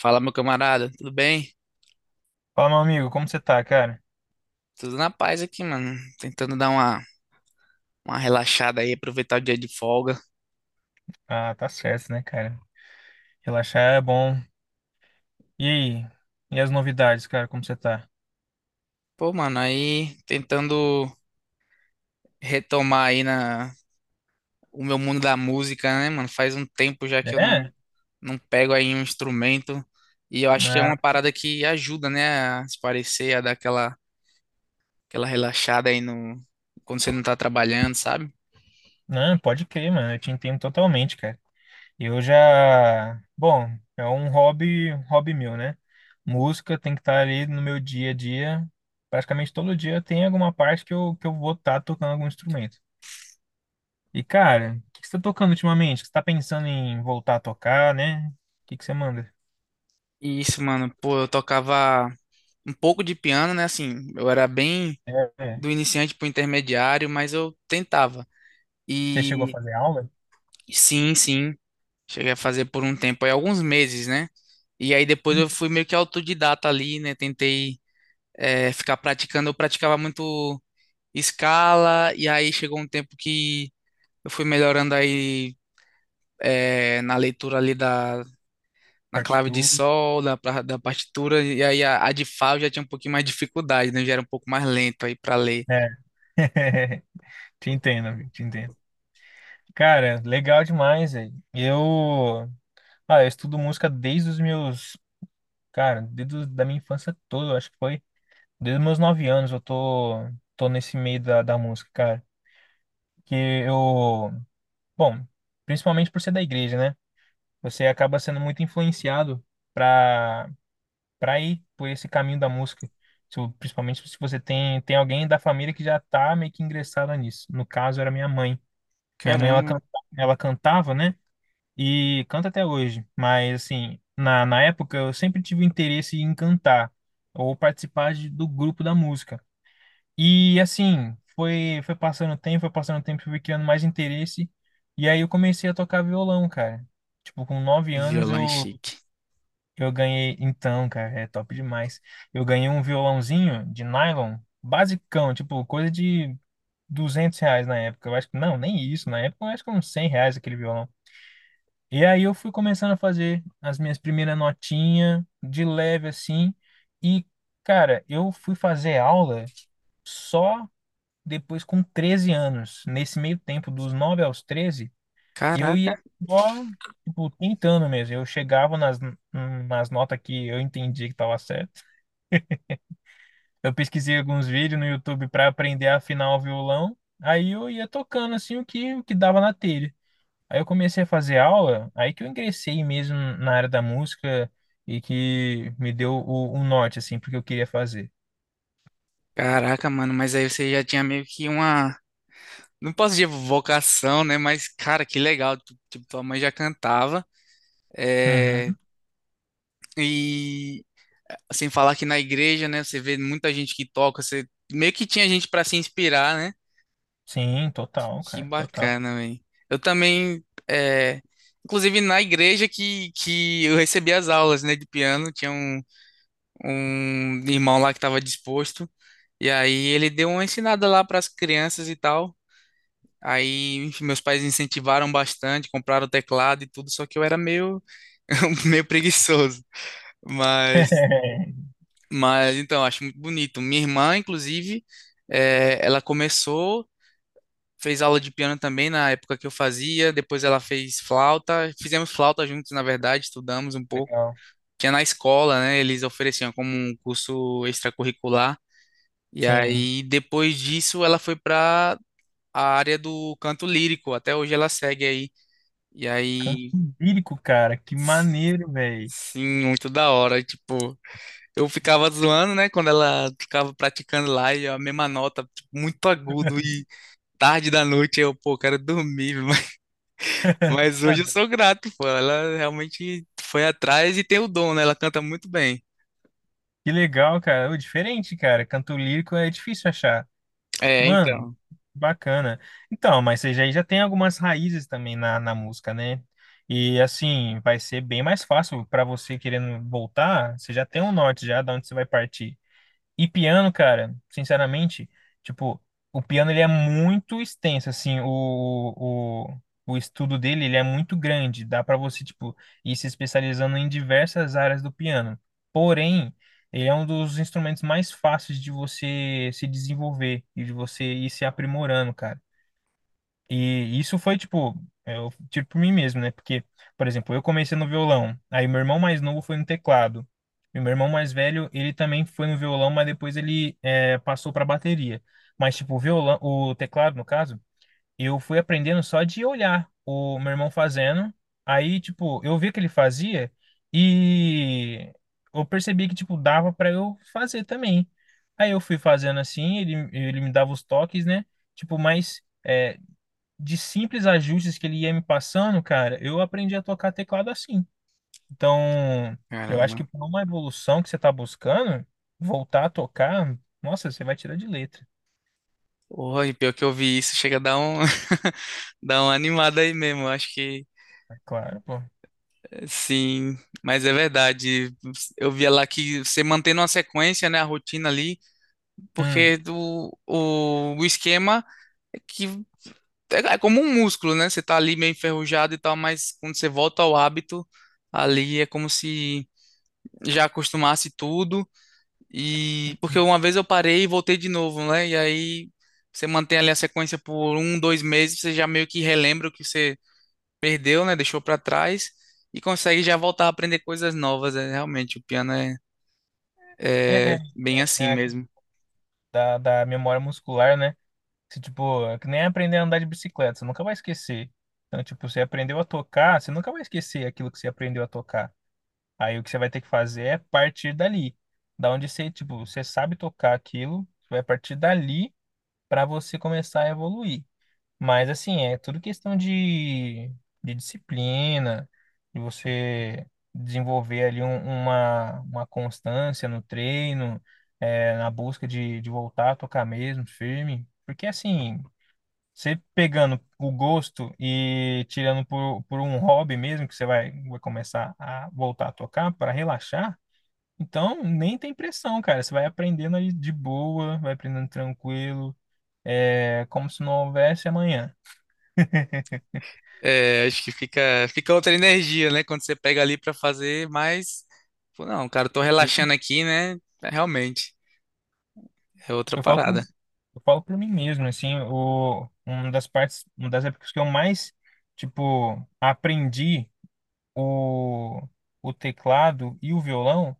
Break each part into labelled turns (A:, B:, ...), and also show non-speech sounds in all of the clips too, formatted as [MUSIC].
A: Fala, meu camarada, tudo bem?
B: Fala, meu amigo, como você tá, cara?
A: Tudo na paz aqui, mano. Tentando dar uma relaxada aí, aproveitar o dia de folga.
B: Ah, tá certo, né, cara? Relaxar é bom. E aí? E as novidades, cara, como você tá?
A: Pô, mano, aí tentando retomar o meu mundo da música, né, mano? Faz um tempo já que eu não,
B: É?
A: não pego aí um instrumento. E eu acho que é
B: Ah,
A: uma parada que ajuda, né, a se parecer, a dar aquela relaxada aí no, quando você não tá trabalhando, sabe?
B: não, pode crer, mano. Eu te entendo totalmente, cara. Eu já. Bom, é um hobby meu, né? Música tem que estar ali no meu dia a dia. Praticamente todo dia tem alguma parte que eu vou estar tocando algum instrumento. E, cara, o que que você tá tocando ultimamente? Você tá pensando em voltar a tocar, né? O que que você manda?
A: E isso, mano, pô, eu tocava um pouco de piano, né? Assim, eu era bem
B: É. é.
A: do iniciante para o intermediário, mas eu tentava.
B: Você chegou a
A: E
B: fazer aula?
A: sim, sim, cheguei a fazer por um tempo, aí alguns meses, né? E aí depois eu fui meio que autodidata ali, né? Tentei ficar praticando, eu praticava muito escala, e aí chegou um tempo que eu fui melhorando aí na leitura na clave de
B: Partitura.
A: sol, da partitura, e aí a de Fá eu já tinha um pouquinho mais de dificuldade, né? Eu já era um pouco mais lento aí para ler.
B: É. [LAUGHS] Te entendo, amigo, te entendo. Cara, legal demais, velho. Eu estudo música desde os meus, cara, desde os- da minha infância toda, eu acho que foi. Desde os meus nove anos eu tô nesse meio da música, cara. Que eu, bom, principalmente por ser da igreja, né? Você acaba sendo muito influenciado pra, pra ir por esse caminho da música. Se eu- Principalmente se você tem alguém da família que já tá meio que ingressado nisso. No caso, era minha mãe. Minha mãe, ela,
A: Caramba,
B: canta, ela cantava, né? E canta até hoje. Mas, assim, na época eu sempre tive interesse em cantar ou participar do grupo da música. E, assim, foi passando o tempo, foi passando o tempo, fui criando mais interesse. E aí eu comecei a tocar violão, cara. Tipo, com nove anos
A: violão é
B: eu,
A: chique.
B: eu ganhei. Então, cara, é top demais. Eu ganhei um violãozinho de nylon, basicão, tipo, coisa de R$ 200 na época. Eu acho que, não, nem isso. Na época eu acho que uns R$ 100 aquele violão. E aí eu fui começando a fazer as minhas primeiras notinhas, de leve assim. E, cara, eu fui fazer aula só depois com 13 anos. Nesse meio tempo, dos 9 aos 13 eu ia
A: Caraca.
B: só, tipo, tentando mesmo. Eu chegava nas notas que eu entendia que estava certo. Eu pesquisei alguns vídeos no YouTube para aprender a afinar o violão. Aí eu ia tocando assim o que dava na telha. Aí eu comecei a fazer aula, aí que eu ingressei mesmo na área da música e que me deu o norte, assim, porque eu queria fazer.
A: Caraca, mano, mas aí você já tinha meio que uma. Não posso dizer vocação, né? Mas, cara, que legal. Tipo, tua mãe já cantava. É.
B: Uhum.
A: E sem falar que na igreja, né? Você vê muita gente que toca. Você meio que tinha gente pra se inspirar, né?
B: Sim, total,
A: Que
B: cara, total.
A: bacana, velho. Eu também. É. Inclusive, na igreja que eu recebi as aulas, né, de piano, tinha um irmão lá que estava disposto. E aí ele deu uma ensinada lá para as crianças e tal. Aí, enfim, meus pais incentivaram bastante, compraram teclado e tudo, só que eu era meio, [LAUGHS] meio preguiçoso. Mas,
B: [LAUGHS]
A: mas, então, acho muito bonito. Minha irmã, inclusive, ela começou, fez aula de piano também na época que eu fazia, depois ela fez flauta, fizemos flauta juntos, na verdade, estudamos um pouco.
B: Legal.
A: Tinha na escola, né? Eles ofereciam como um curso extracurricular. E
B: Sim.
A: aí, depois disso, ela foi para a área do canto lírico. Até hoje ela segue aí. E
B: Canto
A: aí.
B: lírico, cara, que maneiro, velho.
A: Sim, muito da hora. E, tipo, eu ficava zoando, né? Quando ela ficava praticando lá e a mesma nota, tipo, muito agudo e tarde da noite, eu, pô, quero dormir. [LAUGHS] Mas, hoje eu sou grato, pô. Ela realmente foi atrás e tem o dom, né? Ela canta muito bem.
B: Que legal, cara. Ô, diferente, cara. Canto lírico é difícil achar.
A: É,
B: Mano,
A: então.
B: bacana. Então, mas você já tem algumas raízes também na música, né? E assim, vai ser bem mais fácil para você querendo voltar. Você já tem um norte já de onde você vai partir. E piano, cara, sinceramente, tipo, o piano ele é muito extenso, assim, o, o estudo dele ele é muito grande, dá pra você, tipo, ir se especializando em diversas áreas do piano. Porém, ele é um dos instrumentos mais fáceis de você se desenvolver e de você ir se aprimorando, cara. E isso foi, tipo, é, eu tiro por mim mesmo, né? Porque, por exemplo, eu comecei no violão, aí meu irmão mais novo foi no teclado. E meu irmão mais velho, ele também foi no violão, mas depois ele passou para bateria. Mas, tipo, o violão, o teclado, no caso, eu fui aprendendo só de olhar o meu irmão fazendo. Aí, tipo, eu vi que ele fazia e eu percebi que, tipo, dava para eu fazer também. Aí eu fui fazendo assim, ele me dava os toques, né? Tipo, mas. É, de simples ajustes que ele ia me passando, cara, eu aprendi a tocar teclado assim. Então, eu acho que
A: Caramba.
B: por uma evolução que você tá buscando, voltar a tocar, nossa, você vai tirar de letra.
A: Porra, e pior que eu vi isso, chega a dar um, [LAUGHS] dar uma animada aí mesmo. Eu acho que
B: É Claro, pô.
A: sim, mas é verdade. Eu via lá que você mantendo uma sequência, né? A rotina ali.
B: Hum.
A: Porque o esquema é que é como um músculo, né? Você tá ali meio enferrujado e tal, mas quando você volta ao hábito, ali é como se já acostumasse tudo. E porque
B: Uhum.
A: uma vez eu parei e voltei de novo, né? E aí você mantém ali a sequência por um, dois meses, você já meio que relembra o que você perdeu, né? Deixou pra trás e consegue já voltar a aprender coisas novas. É, realmente, o piano é,
B: É,
A: é
B: é,
A: bem
B: é,
A: assim
B: é a-
A: mesmo.
B: Da, da memória muscular, né? Você, tipo, é que nem aprender a andar de bicicleta, você nunca vai esquecer. Então, tipo, você aprendeu a tocar, você nunca vai esquecer aquilo que você aprendeu a tocar. Aí o que você vai ter que fazer é partir dali. Da onde você, tipo, você sabe tocar aquilo, você vai partir dali para você começar a evoluir. Mas assim, é tudo questão de disciplina, de você desenvolver ali uma constância no treino, é, na busca de voltar a tocar mesmo, firme. Porque assim, você pegando o gosto e tirando por um hobby mesmo, que você vai começar a voltar a tocar para relaxar, então nem tem pressão, cara. Você vai aprendendo ali de boa, vai aprendendo tranquilo, é como se não houvesse amanhã.
A: É, acho que fica outra energia, né? Quando você pega ali pra fazer, mas, pô, não, cara, eu tô
B: E
A: relaxando aqui, né? É, realmente, é outra
B: eu
A: parada.
B: eu falo para mim mesmo, assim, o, uma das partes, uma das épocas que eu mais, tipo, aprendi o, o teclado e o violão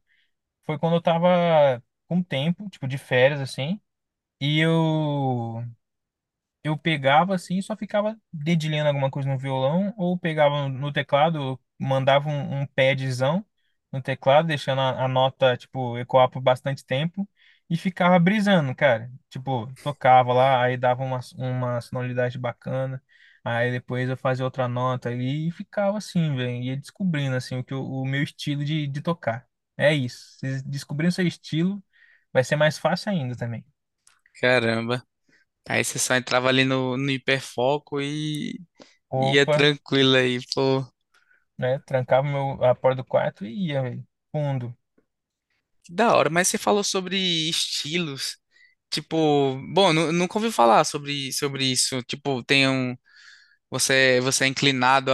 B: foi quando eu tava com tempo, tipo, de férias, assim. E eu pegava assim, e só ficava dedilhando alguma coisa no violão, ou pegava no teclado, mandava um padzão no teclado, deixando a nota, tipo, ecoar por bastante tempo, e ficava brisando, cara. Tipo, tocava lá, aí dava uma sonoridade bacana, aí depois eu fazia outra nota ali, e ficava assim, velho, ia descobrindo, assim, o meu estilo de tocar. É isso, vocês descobrindo seu estilo, vai ser mais fácil ainda também.
A: Caramba. Aí você só entrava ali no hiperfoco e ia
B: Opa,
A: tranquilo aí, pô.
B: né? Trancava a porta do quarto e ia, velho. Fundo.
A: Que da hora, mas você falou sobre estilos. Tipo, bom, nunca ouvi falar sobre isso. Tipo, tem um. Você é inclinado.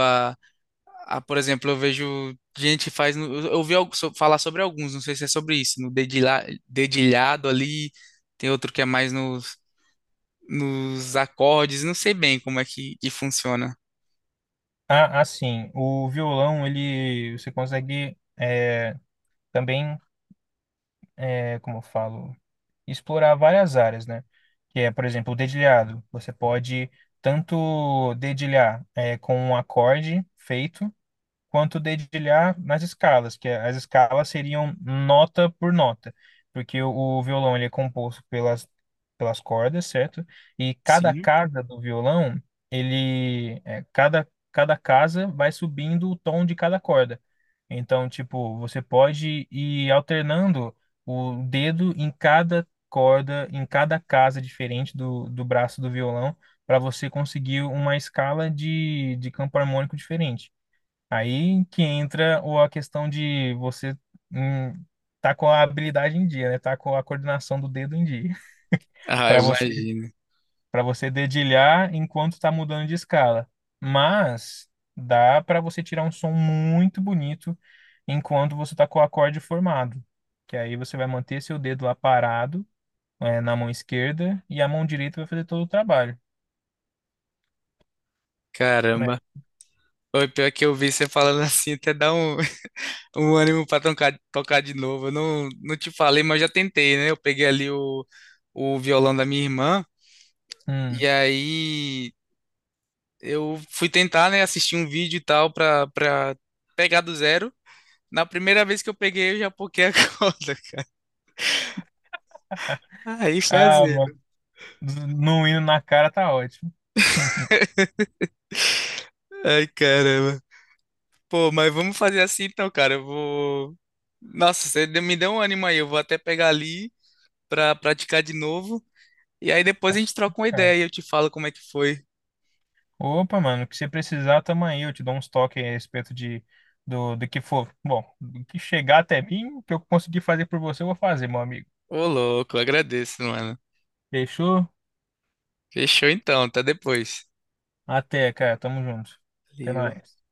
A: Ah, por exemplo, eu vejo gente que faz. Eu ouvi falar sobre alguns, não sei se é sobre isso, no dedilhado ali, tem outro que é mais nos acordes, não sei bem como é que funciona.
B: Ah, assim, o violão, ele, você consegue é, também, é, como eu falo, explorar várias áreas, né? Que é, por exemplo, o dedilhado. Você pode tanto dedilhar é, com um acorde feito, quanto dedilhar nas escalas, que as escalas seriam nota por nota, porque o violão ele é composto pelas, pelas cordas, certo? E cada
A: Sim.
B: casa do violão, ele é, cada casa vai subindo o tom de cada corda. Então, tipo, você pode ir alternando o dedo em cada corda, em cada casa diferente do braço do violão, para você conseguir uma escala de campo harmônico diferente. Aí que entra a questão de você hum, tá com a habilidade em dia, né? Tá com a coordenação do dedo em dia, [LAUGHS]
A: Ah, eu
B: para você
A: imagino.
B: para você dedilhar enquanto tá mudando de escala. Mas dá para você tirar um som muito bonito enquanto você tá com o acorde formado, que aí você vai manter seu dedo lá parado, é, na mão esquerda e a mão direita vai fazer todo o trabalho, né?
A: Caramba. O pior que eu vi você falando [LAUGHS] assim, até dá um, [LAUGHS] um ânimo pra tocar, de novo. Eu não te falei, mas eu já tentei, né? Eu peguei ali o violão da minha irmã,
B: Hum.
A: e aí. Eu fui tentar, né, assistir um vídeo e tal pra pegar do zero. Na primeira vez que eu peguei, eu já poquei a [LAUGHS] corda. Aí
B: Ah,
A: fazer.
B: mano, no hino na cara tá ótimo. [LAUGHS]
A: Ai, caramba. Pô, mas vamos fazer assim então, cara. Eu vou. Nossa, você me deu um ânimo aí. Eu vou até pegar ali pra praticar de novo. E aí depois a gente troca uma ideia e eu te falo como é que foi.
B: Opa, mano, o que você precisar, tamo aí. Eu te dou uns toques a respeito do, do que for. Bom, do que chegar até mim, o que eu conseguir fazer por você, eu vou fazer, meu amigo.
A: Ô, louco, agradeço, mano.
B: Fechou?
A: Fechou então, até depois.
B: Até, cara. Tamo junto. Até
A: Valeu.
B: mais.